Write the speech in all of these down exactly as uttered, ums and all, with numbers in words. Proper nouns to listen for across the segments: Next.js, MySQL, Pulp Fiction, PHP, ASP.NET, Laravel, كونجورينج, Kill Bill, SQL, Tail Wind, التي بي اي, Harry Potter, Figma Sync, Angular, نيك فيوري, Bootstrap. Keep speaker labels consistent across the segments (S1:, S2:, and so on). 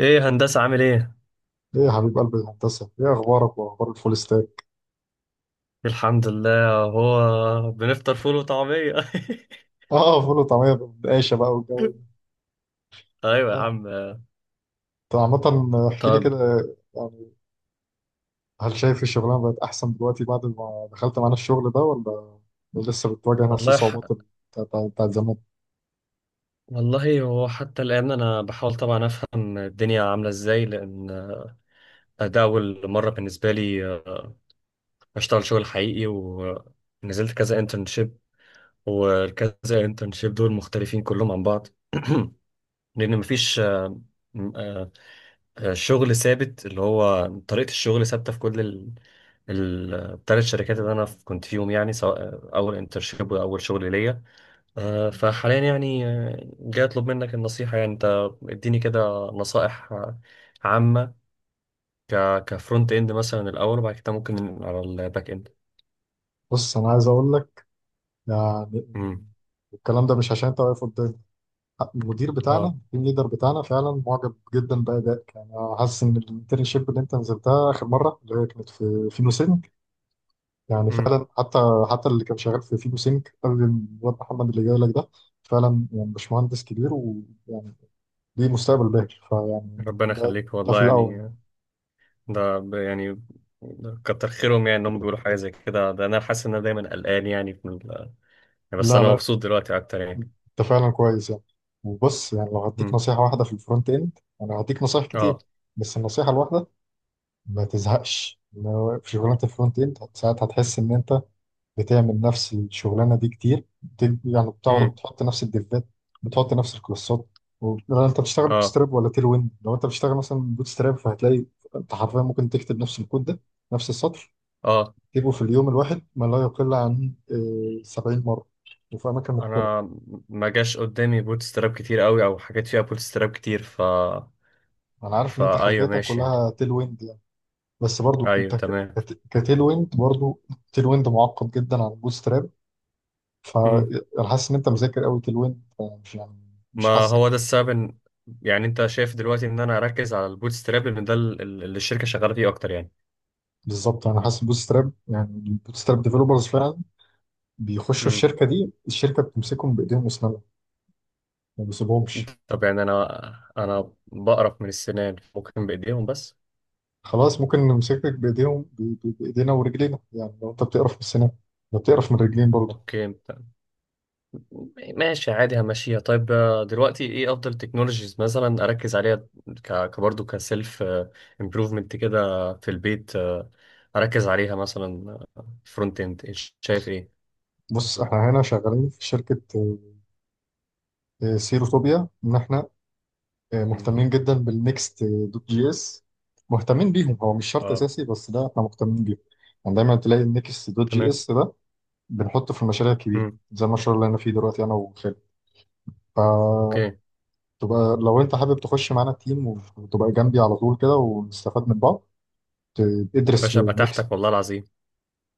S1: ايه هندسة عامل ايه؟
S2: ليه يا حبيب قلبي الهندسة؟ إيه أخبارك وأخبار الفول ستاك؟
S1: الحمد لله، هو بنفطر فول وطعمية.
S2: آه، فول وطعمية بالقاشة بقى والجو ده.
S1: ايوه يا عم.
S2: فاهمك. أنت عامة احكي لي
S1: طب.
S2: كده، يعني هل شايف الشغلانة بقت أحسن دلوقتي بعد ما دخلت معانا الشغل ده ولا لسه بتواجه نفس
S1: والله ح...
S2: الصعوبات ال- بتاع- بتاعت زمان؟
S1: والله هو حتى الان انا بحاول طبعا افهم الدنيا عاملة ازاي، لان ده اول مرة بالنسبة لي اشتغل شغل حقيقي، ونزلت كذا انترنشيب، والكذا انترنشيب دول مختلفين كلهم عن بعض. لان مفيش الشغل ثابت، اللي هو طريقة الشغل ثابتة في كل ال... الثلاث شركات اللي انا ف- كنت فيهم، يعني سواء اول انترشيب واول شغل ليا. آه، فحاليا يعني آه، جاي اطلب منك النصيحة، يعني انت اديني كده نصائح آه، عامة، ك كفرونت اند مثلا الاول، وبعد كده ممكن على الباك اند.
S2: بص أنا عايز أقول لك، يعني
S1: امم
S2: الكلام ده مش عشان أنت واقف قدامي. المدير بتاعنا،
S1: اه.
S2: التيم ليدر بتاعنا، فعلا معجب جدا بأدائك. يعني أنا حاسس إن الانترنشيب اللي أنت نزلتها آخر مرة اللي هي كانت في في نوسيب، يعني
S1: امم
S2: فعلا. حتى حتى اللي كان شغال في فيجو سينك قبل الواد محمد اللي جاي لك ده، فعلا يعني باشمهندس كبير، ويعني ليه مستقبل باهر. فيعني
S1: ربنا
S2: ده
S1: يخليك
S2: ده في
S1: والله
S2: الاول.
S1: يعني، ده ب- يعني كتر خيرهم يعني انهم بيقولوا حاجة زي كده، ده انا حاسس ان انا دايما قلقان يعني. بس
S2: لا
S1: انا
S2: لا
S1: مبسوط دلوقتي اكتر يعني.
S2: انت فعلا كويس يعني. وبص، يعني لو هديك
S1: مم.
S2: نصيحه واحده في الفرونت اند، انا هديك نصايح كتير،
S1: اه.
S2: بس النصيحه الواحده: ما تزهقش. لو في شغلانه الفرونت اند ساعات هتحس ان انت بتعمل نفس الشغلانه دي كتير، بت- يعني بتقعد
S1: مم.
S2: بتحط نفس الدفات، بتحط نفس الكلاسات، و- لو انت بتشتغل بوت
S1: اه.
S2: ستراب ولا تيل ويند. لو انت بتشتغل مثلا بوت ستراب فهتلاقي انت حرفيا ممكن تكتب نفس الكود ده، نفس السطر،
S1: اه،
S2: تكتبه في اليوم الواحد ما لا يقل عن آه، سبعين مره، وفي اماكن مختلفه.
S1: انا ما جاش قدامي بوت ستراب كتير قوي او حاجات فيها بوت ستراب كتير ف
S2: انا عارف ان انت
S1: فا ايوه
S2: خلفيتك
S1: ماشي يعني.
S2: كلها تيل ويند يعني، بس برضو
S1: ايوه
S2: انت ك-
S1: تمام.
S2: كت- كتيل ويند برضو. تيل ويند معقد جدا عن بوت ستراب،
S1: مم.
S2: فانا حاسس ان انت مذاكر قوي تيل ويند، مش يعني
S1: ما
S2: مش
S1: هو
S2: حاسك.
S1: ده السبب ان، يعني انت شايف دلوقتي ان انا اركز على البوت ستراب، لان ده ال- ال- اللي الشركه شغاله فيه اكتر يعني.
S2: بالظبط، انا حاسس بوت ستراب، يعني البوت ستراب ديفلوبرز فعلا بيخشوا
S1: مم.
S2: الشركه دي، الشركه بتمسكهم بايديهم واسنانها، ما بيسيبهمش.
S1: طب يعني انا انا بقرف من السنان، ممكن بايديهم بس.
S2: خلاص، ممكن نمسكك بايديهم ب- ب- بايدينا ورجلينا. يعني لو انت بتقرف من السنان، ما بتقرف من الرجلين برضه.
S1: اوكي ماشي عادي همشيها. طيب آه، دلوقتي ايه افضل تكنولوجيز مثلا اركز عليها، ك ك- برضه كسيلف امبروفمنت كده في البيت، آه، اركز عليها مثلا. فرونت اند، شايف ايه.
S2: بص، احنا هنا شغالين في شركه آه، سيروتوبيا، ان احنا آه،
S1: مم.
S2: مهتمين جدا بالنكست دوت جي اس. مهتمين بيهم، هو مش شرط
S1: اه.
S2: اساسي بس ده احنا مهتمين بيهم. يعني دايما تلاقي النكست دوت جي
S1: تمام.
S2: اس ده بنحطه في المشاريع الكبيره،
S1: مم.
S2: زي المشروع اللي انا فيه دلوقتي، انا
S1: اوكي
S2: وخالد.
S1: يا
S2: تبقى لو انت حابب تخش معانا التيم وتبقى جنبي على طول كده ونستفاد من بعض، ت- ادرس
S1: باشا، ابقى
S2: نيكست.
S1: تحتك والله العظيم.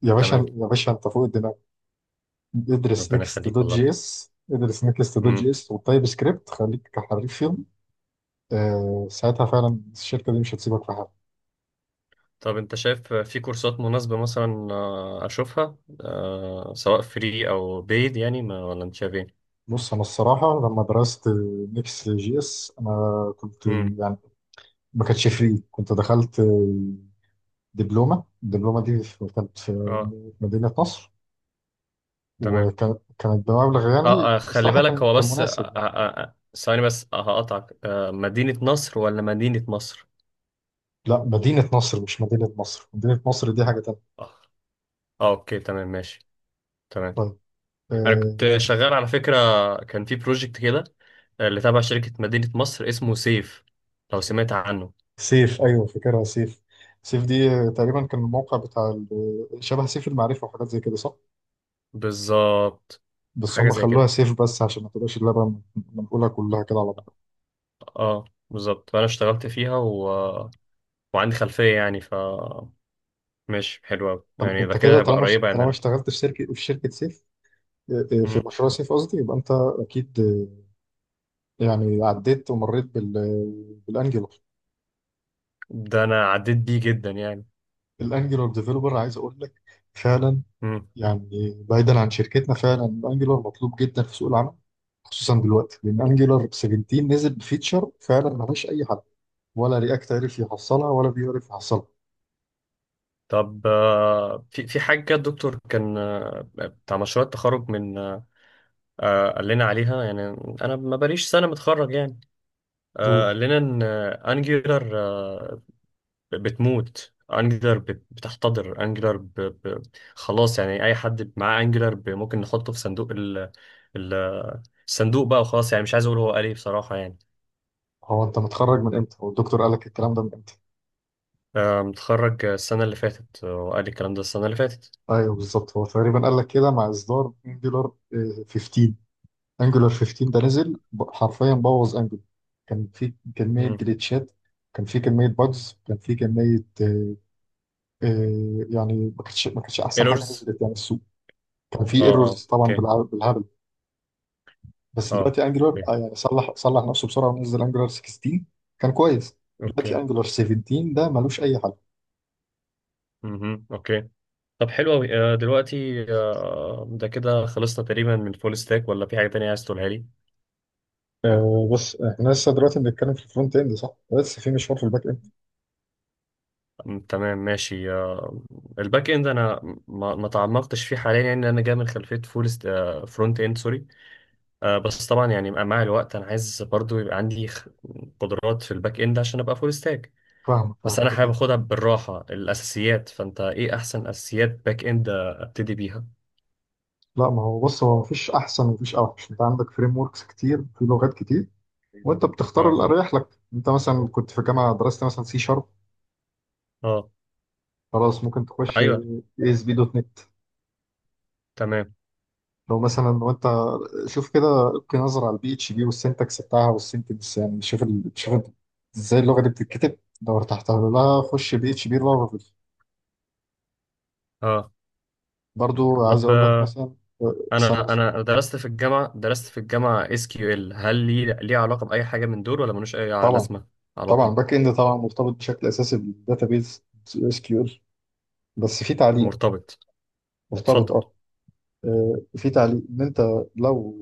S2: يا باشا
S1: تمام.
S2: يا باشا انت فوق الدماغ. ادرس
S1: ربنا
S2: نيكست
S1: يخليك
S2: دوت
S1: والله.
S2: جي اس، ادرس نيكست دوت جي
S1: مم.
S2: اس والتايب سكريبت، خليك حريف فيهم. آه، ساعتها فعلا الشركه دي مش هتسيبك في حالك.
S1: طب انت شايف في كورسات مناسبة مثلا، آه، اشوفها آه، سواء فري او بيد يعني، ما ولا انت شايف ايه.
S2: بص، انا الصراحه لما درست نيكست جي اس انا كنت،
S1: مم.
S2: يعني ما كانتش فري. كنت دخلت دبلومه، الدبلومه دي في- كانت في
S1: اه.
S2: مدينه نصر،
S1: تمام.
S2: وكانت كانت بمبلغ يعني
S1: اه، آه، خلي
S2: الصراحة
S1: بالك
S2: كان
S1: هو
S2: كان
S1: بس آه،
S2: مناسب
S1: آه،
S2: يعني.
S1: آه، آه، ثواني بس، آه، هقطعك، آه، مدينة نصر ولا مدينة مصر؟
S2: لا، مدينة نصر مش مدينة مصر، مدينة نصر دي حاجة تانية.
S1: اه، آه، اوكي تمام ماشي. تمام.
S2: طيب،
S1: انا كنت
S2: آه.
S1: شغال على فكرة، كان في بروجكت كده آه، اللي تابع شركة مدينة مصر اسمه سيف، لو سمعت عنه.
S2: سيف، أيوه فاكرها سيف. سيف دي آه، تقريبا كان الموقع بتاع ال- آه، شبه سيف المعرفة وحاجات زي كده، صح؟
S1: بالظبط.
S2: بس
S1: حاجة
S2: هم
S1: زي
S2: خلوها
S1: كده.
S2: سيف بس عشان ما تبقاش اللعبة منقولة كلها كده على بعض.
S1: اه، بالظبط، فانا اشتغلت فيها و... وعندي خلفية يعني ف ماشي حلو أوي
S2: طب
S1: يعني، ده
S2: انت كده
S1: كده هبقى
S2: طالما ش-
S1: قريبة يعني
S2: طالما
S1: انا.
S2: اشتغلت في شركة في شركة سيف، آه، آه، في
S1: مم.
S2: مشروع سيف قصدي، يبقى انت اكيد آه، يعني عديت ومريت بال آه، بالانجلر.
S1: ده انا عديت بيه جدا يعني.
S2: الانجلر ديفلوبر عايز اقول لك فعلا، يعني بعيدا عن شركتنا، فعلا انجلر مطلوب جدا في سوق العمل، خصوصا دلوقتي لان انجلر سبعتاشر نزل بفيتشر فعلا ملهاش اي حل، ولا رياكت عرف يحصلها ولا بيعرف يحصلها.
S1: طب آه، في في حاجة كده، الدكتور كان آه، بتاع مشروع التخرج من آه، آه، قال لنا عليها يعني، أنا ما بقاليش سنة متخرج يعني، آه،
S2: دول
S1: قال لنا إن أنجلر بتموت، أنجلر بتحتضر، أنجلر ب... ب... خلاص يعني أي حد معاه أنجلر ب... ممكن نحطه في صندوق ال... ال... الصندوق بقى وخلاص، يعني مش عايز أقول هو قال إيه بصراحة يعني.
S2: هو انت متخرج من امتى؟ هو الدكتور قال لك الكلام ده من امتى؟
S1: آه، متخرج السنة اللي فاتت، هو قال الكلام ده السنة اللي فاتت.
S2: ايوه بالظبط، هو تقريبا قال لك كده مع اصدار انجلر خمسة عشر. انجلر خمستاشر ده نزل ب- حرفيا بوظ انجلر. كان في كميه جليتشات، كان في كميه باجز، كان في كميه آه، آه، يعني ما كانتش ما كانتش احسن حاجه
S1: ايرورز.
S2: نزلت يعني السوق. كان في
S1: اه. اه
S2: ايرورز طبعا
S1: اوكي.
S2: بالع- بالهبل. بس
S1: اه
S2: دلوقتي انجلر
S1: اوكي.
S2: آه، يعني صلح صلح نفسه بسرعه ونزل انجلر ستاشر، كان كويس. دلوقتي
S1: اوكي.
S2: انجلر سبعتاشر ده ملوش اي حل.
S1: مهم. اوكي. طب حلو قوي، آه، دلوقتي آه، ده كده خلصنا تقريبا من الفول ستاك، ولا في حاجه تانية عايز تقولها لي.
S2: آه، بص احنا لسه دلوقتي بنتكلم في الفرونت اند، صح؟ بس في مشوار في الباك اند.
S1: م- تمام ماشي. آه، الباك اند انا ما ما تعمقتش فيه حاليا، يعني انا جاي من خلفيه فول فرونت اند، سوري. آه، بس طبعا يعني مع الوقت انا عايز برضو يبقى عندي خ- قدرات في الباك اند عشان ابقى فول ستاك.
S2: فاهمك
S1: بس انا
S2: فاهمك
S1: حابب
S2: اكيد.
S1: اخدها بالراحه، الاساسيات، فانت ايه احسن اساسيات باك اند آه، ابتدي بيها.
S2: لا، ما هو بص، هو مفيش احسن ومفيش اوحش. انت عندك فريم وركس كتير في لغات كتير، وانت بتختار
S1: اه.
S2: اللي اريح لك. انت مثلا كنت في جامعه درست مثلا سي شارب،
S1: اه.
S2: خلاص ممكن تخش
S1: ايوه
S2: اي اس بي دوت نت.
S1: تمام.
S2: لو مثلا، وانت شوف كده، القي نظرة على البي اتش بي والسنتكس بتاعها والسنتنس، يعني شوف ال... شوف انت ازاي اللغة دي بتتكتب. لو ارتحت لها خش بي اتش بي لارافيل.
S1: اه،
S2: برضو عايز
S1: طب
S2: اقول لك
S1: آه،
S2: مثلا، بس انا
S1: انا
S2: بس
S1: انا درست في الجامعه، درست في الجامعه اس كيو ال، هل ليه ليه علاقه باي حاجه من دول ولا ملوش اي
S2: طبعا،
S1: لازمه.
S2: طبعا
S1: علاقه.
S2: باك اند طبعا مرتبط بشكل اساسي بالداتابيز، اس كيو ال. بس في تعليق،
S1: مرتبط.
S2: مرتبط
S1: اتفضل.
S2: اه. آه، في تعليق ان انت، لو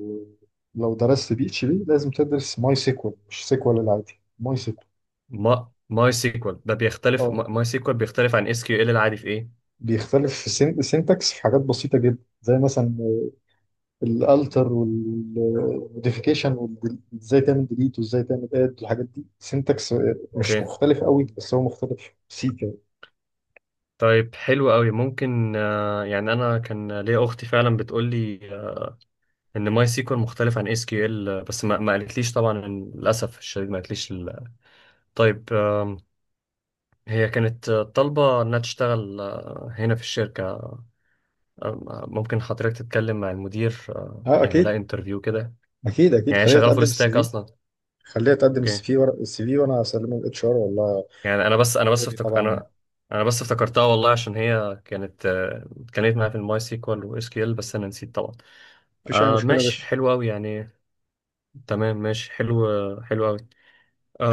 S2: لو درست بي اتش بي لازم تدرس ماي سيكوال، مش سيكوال العادي، ماي سيكوال.
S1: ما ماي سيكوال ده بيختلف،
S2: اه،
S1: ماي سيكوال بيختلف عن اس كيو ال العادي في ايه.
S2: بيختلف في السينتاكس في حاجات بسيطة جدا، زي مثلا الالتر والموديفيكيشن، وازاي تعمل ديليت وازاي تعمل اد والحاجات دي سينتاكس. مش
S1: اوكي.
S2: مختلف قوي، بس هو مختلف بسيط يعني.
S1: طيب حلو قوي ممكن، آه، يعني انا كان ليا اختي فعلا بتقول لي آه، ان ماي سيكوال مختلف عن اس كيو ال، بس ما, ما قالتليش طبعا، إن- للاسف الشديد ما قالتليش ال- طيب. آم، هي كانت آه، طالبه انها تشتغل آه، هنا في الشركه، آه، ممكن حضرتك تتكلم مع المدير آه،
S2: اه
S1: يعمل
S2: اكيد،
S1: لها انترفيو كده.
S2: اكيد اكيد.
S1: يعني هي
S2: خليها
S1: شغاله فول
S2: تقدم السي
S1: ستاك
S2: في،
S1: اصلا.
S2: خليها تقدم
S1: اوكي.
S2: السي في، ورق السي في وانا اسلمه الاتش ار والله.
S1: يعني انا بس انا بس
S2: دي
S1: افتك...
S2: طبعا يعني
S1: انا انا بس افتكرتها والله، عشان هي كانت آه، اتكلمت معايا في الماي سيكوال واس كيو ال، بس انا نسيت طبعا.
S2: مفيش اي
S1: آه
S2: مشكله يا
S1: ماشي
S2: باشا.
S1: حلو قوي يعني. تمام ماشي حلو. حلو قوي.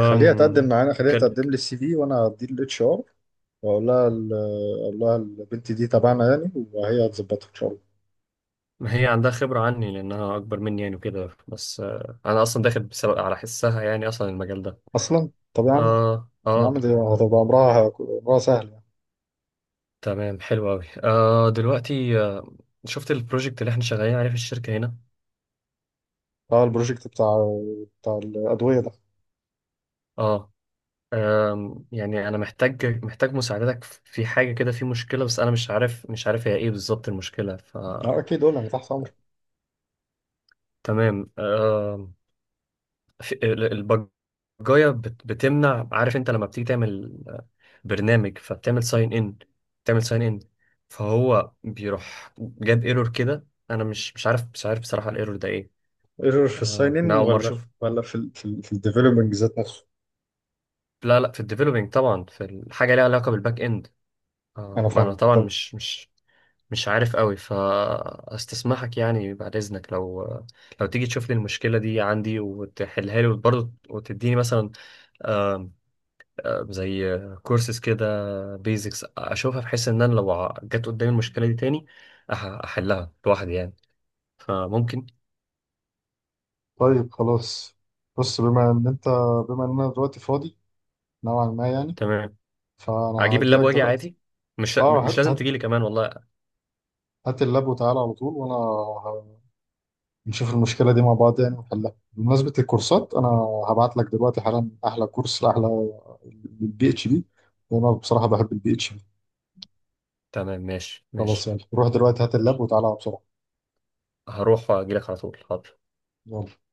S2: خليها تقدم معانا، خليها
S1: كان...
S2: تقدم لي السي في وانا هديه الاتش ار، واقول لها ال-، اقول لها البنت دي تبعنا يعني، وهي هتظبطها ان شاء الله.
S1: ما هي عندها خبرة عني لأنها أكبر مني يعني، وكده بس، آه، أنا أصلا داخل بسبب على حسها يعني، أصلا المجال ده.
S2: اصلا طبعا.
S1: آه
S2: يا
S1: آه.
S2: عم دي هتبقى امرها، امرها سهل يعني.
S1: تمام حلو قوي، آه دلوقتي آه، شفت البروجكت اللي احنا شغالين عليه في الشركة هنا.
S2: اه البروجكت بتاع بتاع الادويه ده.
S1: اه. آم، يعني انا محتاج محتاج مساعدتك في حاجة كده، في مشكلة بس انا مش عارف مش عارف هي ايه بالظبط المشكلة ف
S2: اه اكيد، قول انا تحت امرك.
S1: تمام آه. البجاية بت- بتمنع، عارف انت لما بتيجي تعمل آه، برنامج، فبتعمل ساين ان، بتعمل ساين ان فهو بيروح جاب ايرور كده، انا مش مش عارف مش عارف بصراحة الايرور ده ايه.
S2: ايرور في الساين
S1: آه انا
S2: ان
S1: اول مرة
S2: ولا في
S1: اشوف.
S2: ولا في ال في, ال في الديفلوبمنج ذات نفسه؟
S1: لا لا، في الديفلوبينج طبعا، في الحاجه ليها علاقه بالباك اند. آه
S2: انا
S1: ما انا
S2: فاهمك،
S1: طبعا
S2: طب
S1: مش مش مش عارف قوي، فاستسمحك يعني بعد اذنك، لو لو تيجي تشوف لي المشكله دي عندي وتحلها لي، وبرضه وتديني مثلا آه آه، زي كورسز كده، بيزكس اشوفها، بحيث ان انا لو ع- جت قدامي المشكله دي تاني أح- احلها لوحدي يعني، فممكن.
S2: طيب خلاص. بص، بما ان انت بما ان انا دلوقتي فاضي نوعا ما يعني،
S1: تمام.
S2: فانا
S1: اجيب اللاب
S2: هجيلك
S1: واجي
S2: دلوقتي.
S1: عادي، مش
S2: اه،
S1: مش
S2: هات
S1: لازم
S2: هات
S1: تجيلي كمان والله.
S2: هات اللاب وتعالى على طول، وانا ه- نشوف المشكله دي مع بعض يعني ونحلها. بمناسبه الكورسات، انا هبعت لك دلوقتي حالا احلى كورس، احلى البي اتش بي، وانا بصراحه بحب البي اتش.
S1: تمام ماشي
S2: خلاص
S1: ماشي.
S2: يلا، روح دلوقتي هات اللاب وتعالى بسرعة.
S1: هروح واجيلك على طول، حاضر.
S2: يلا.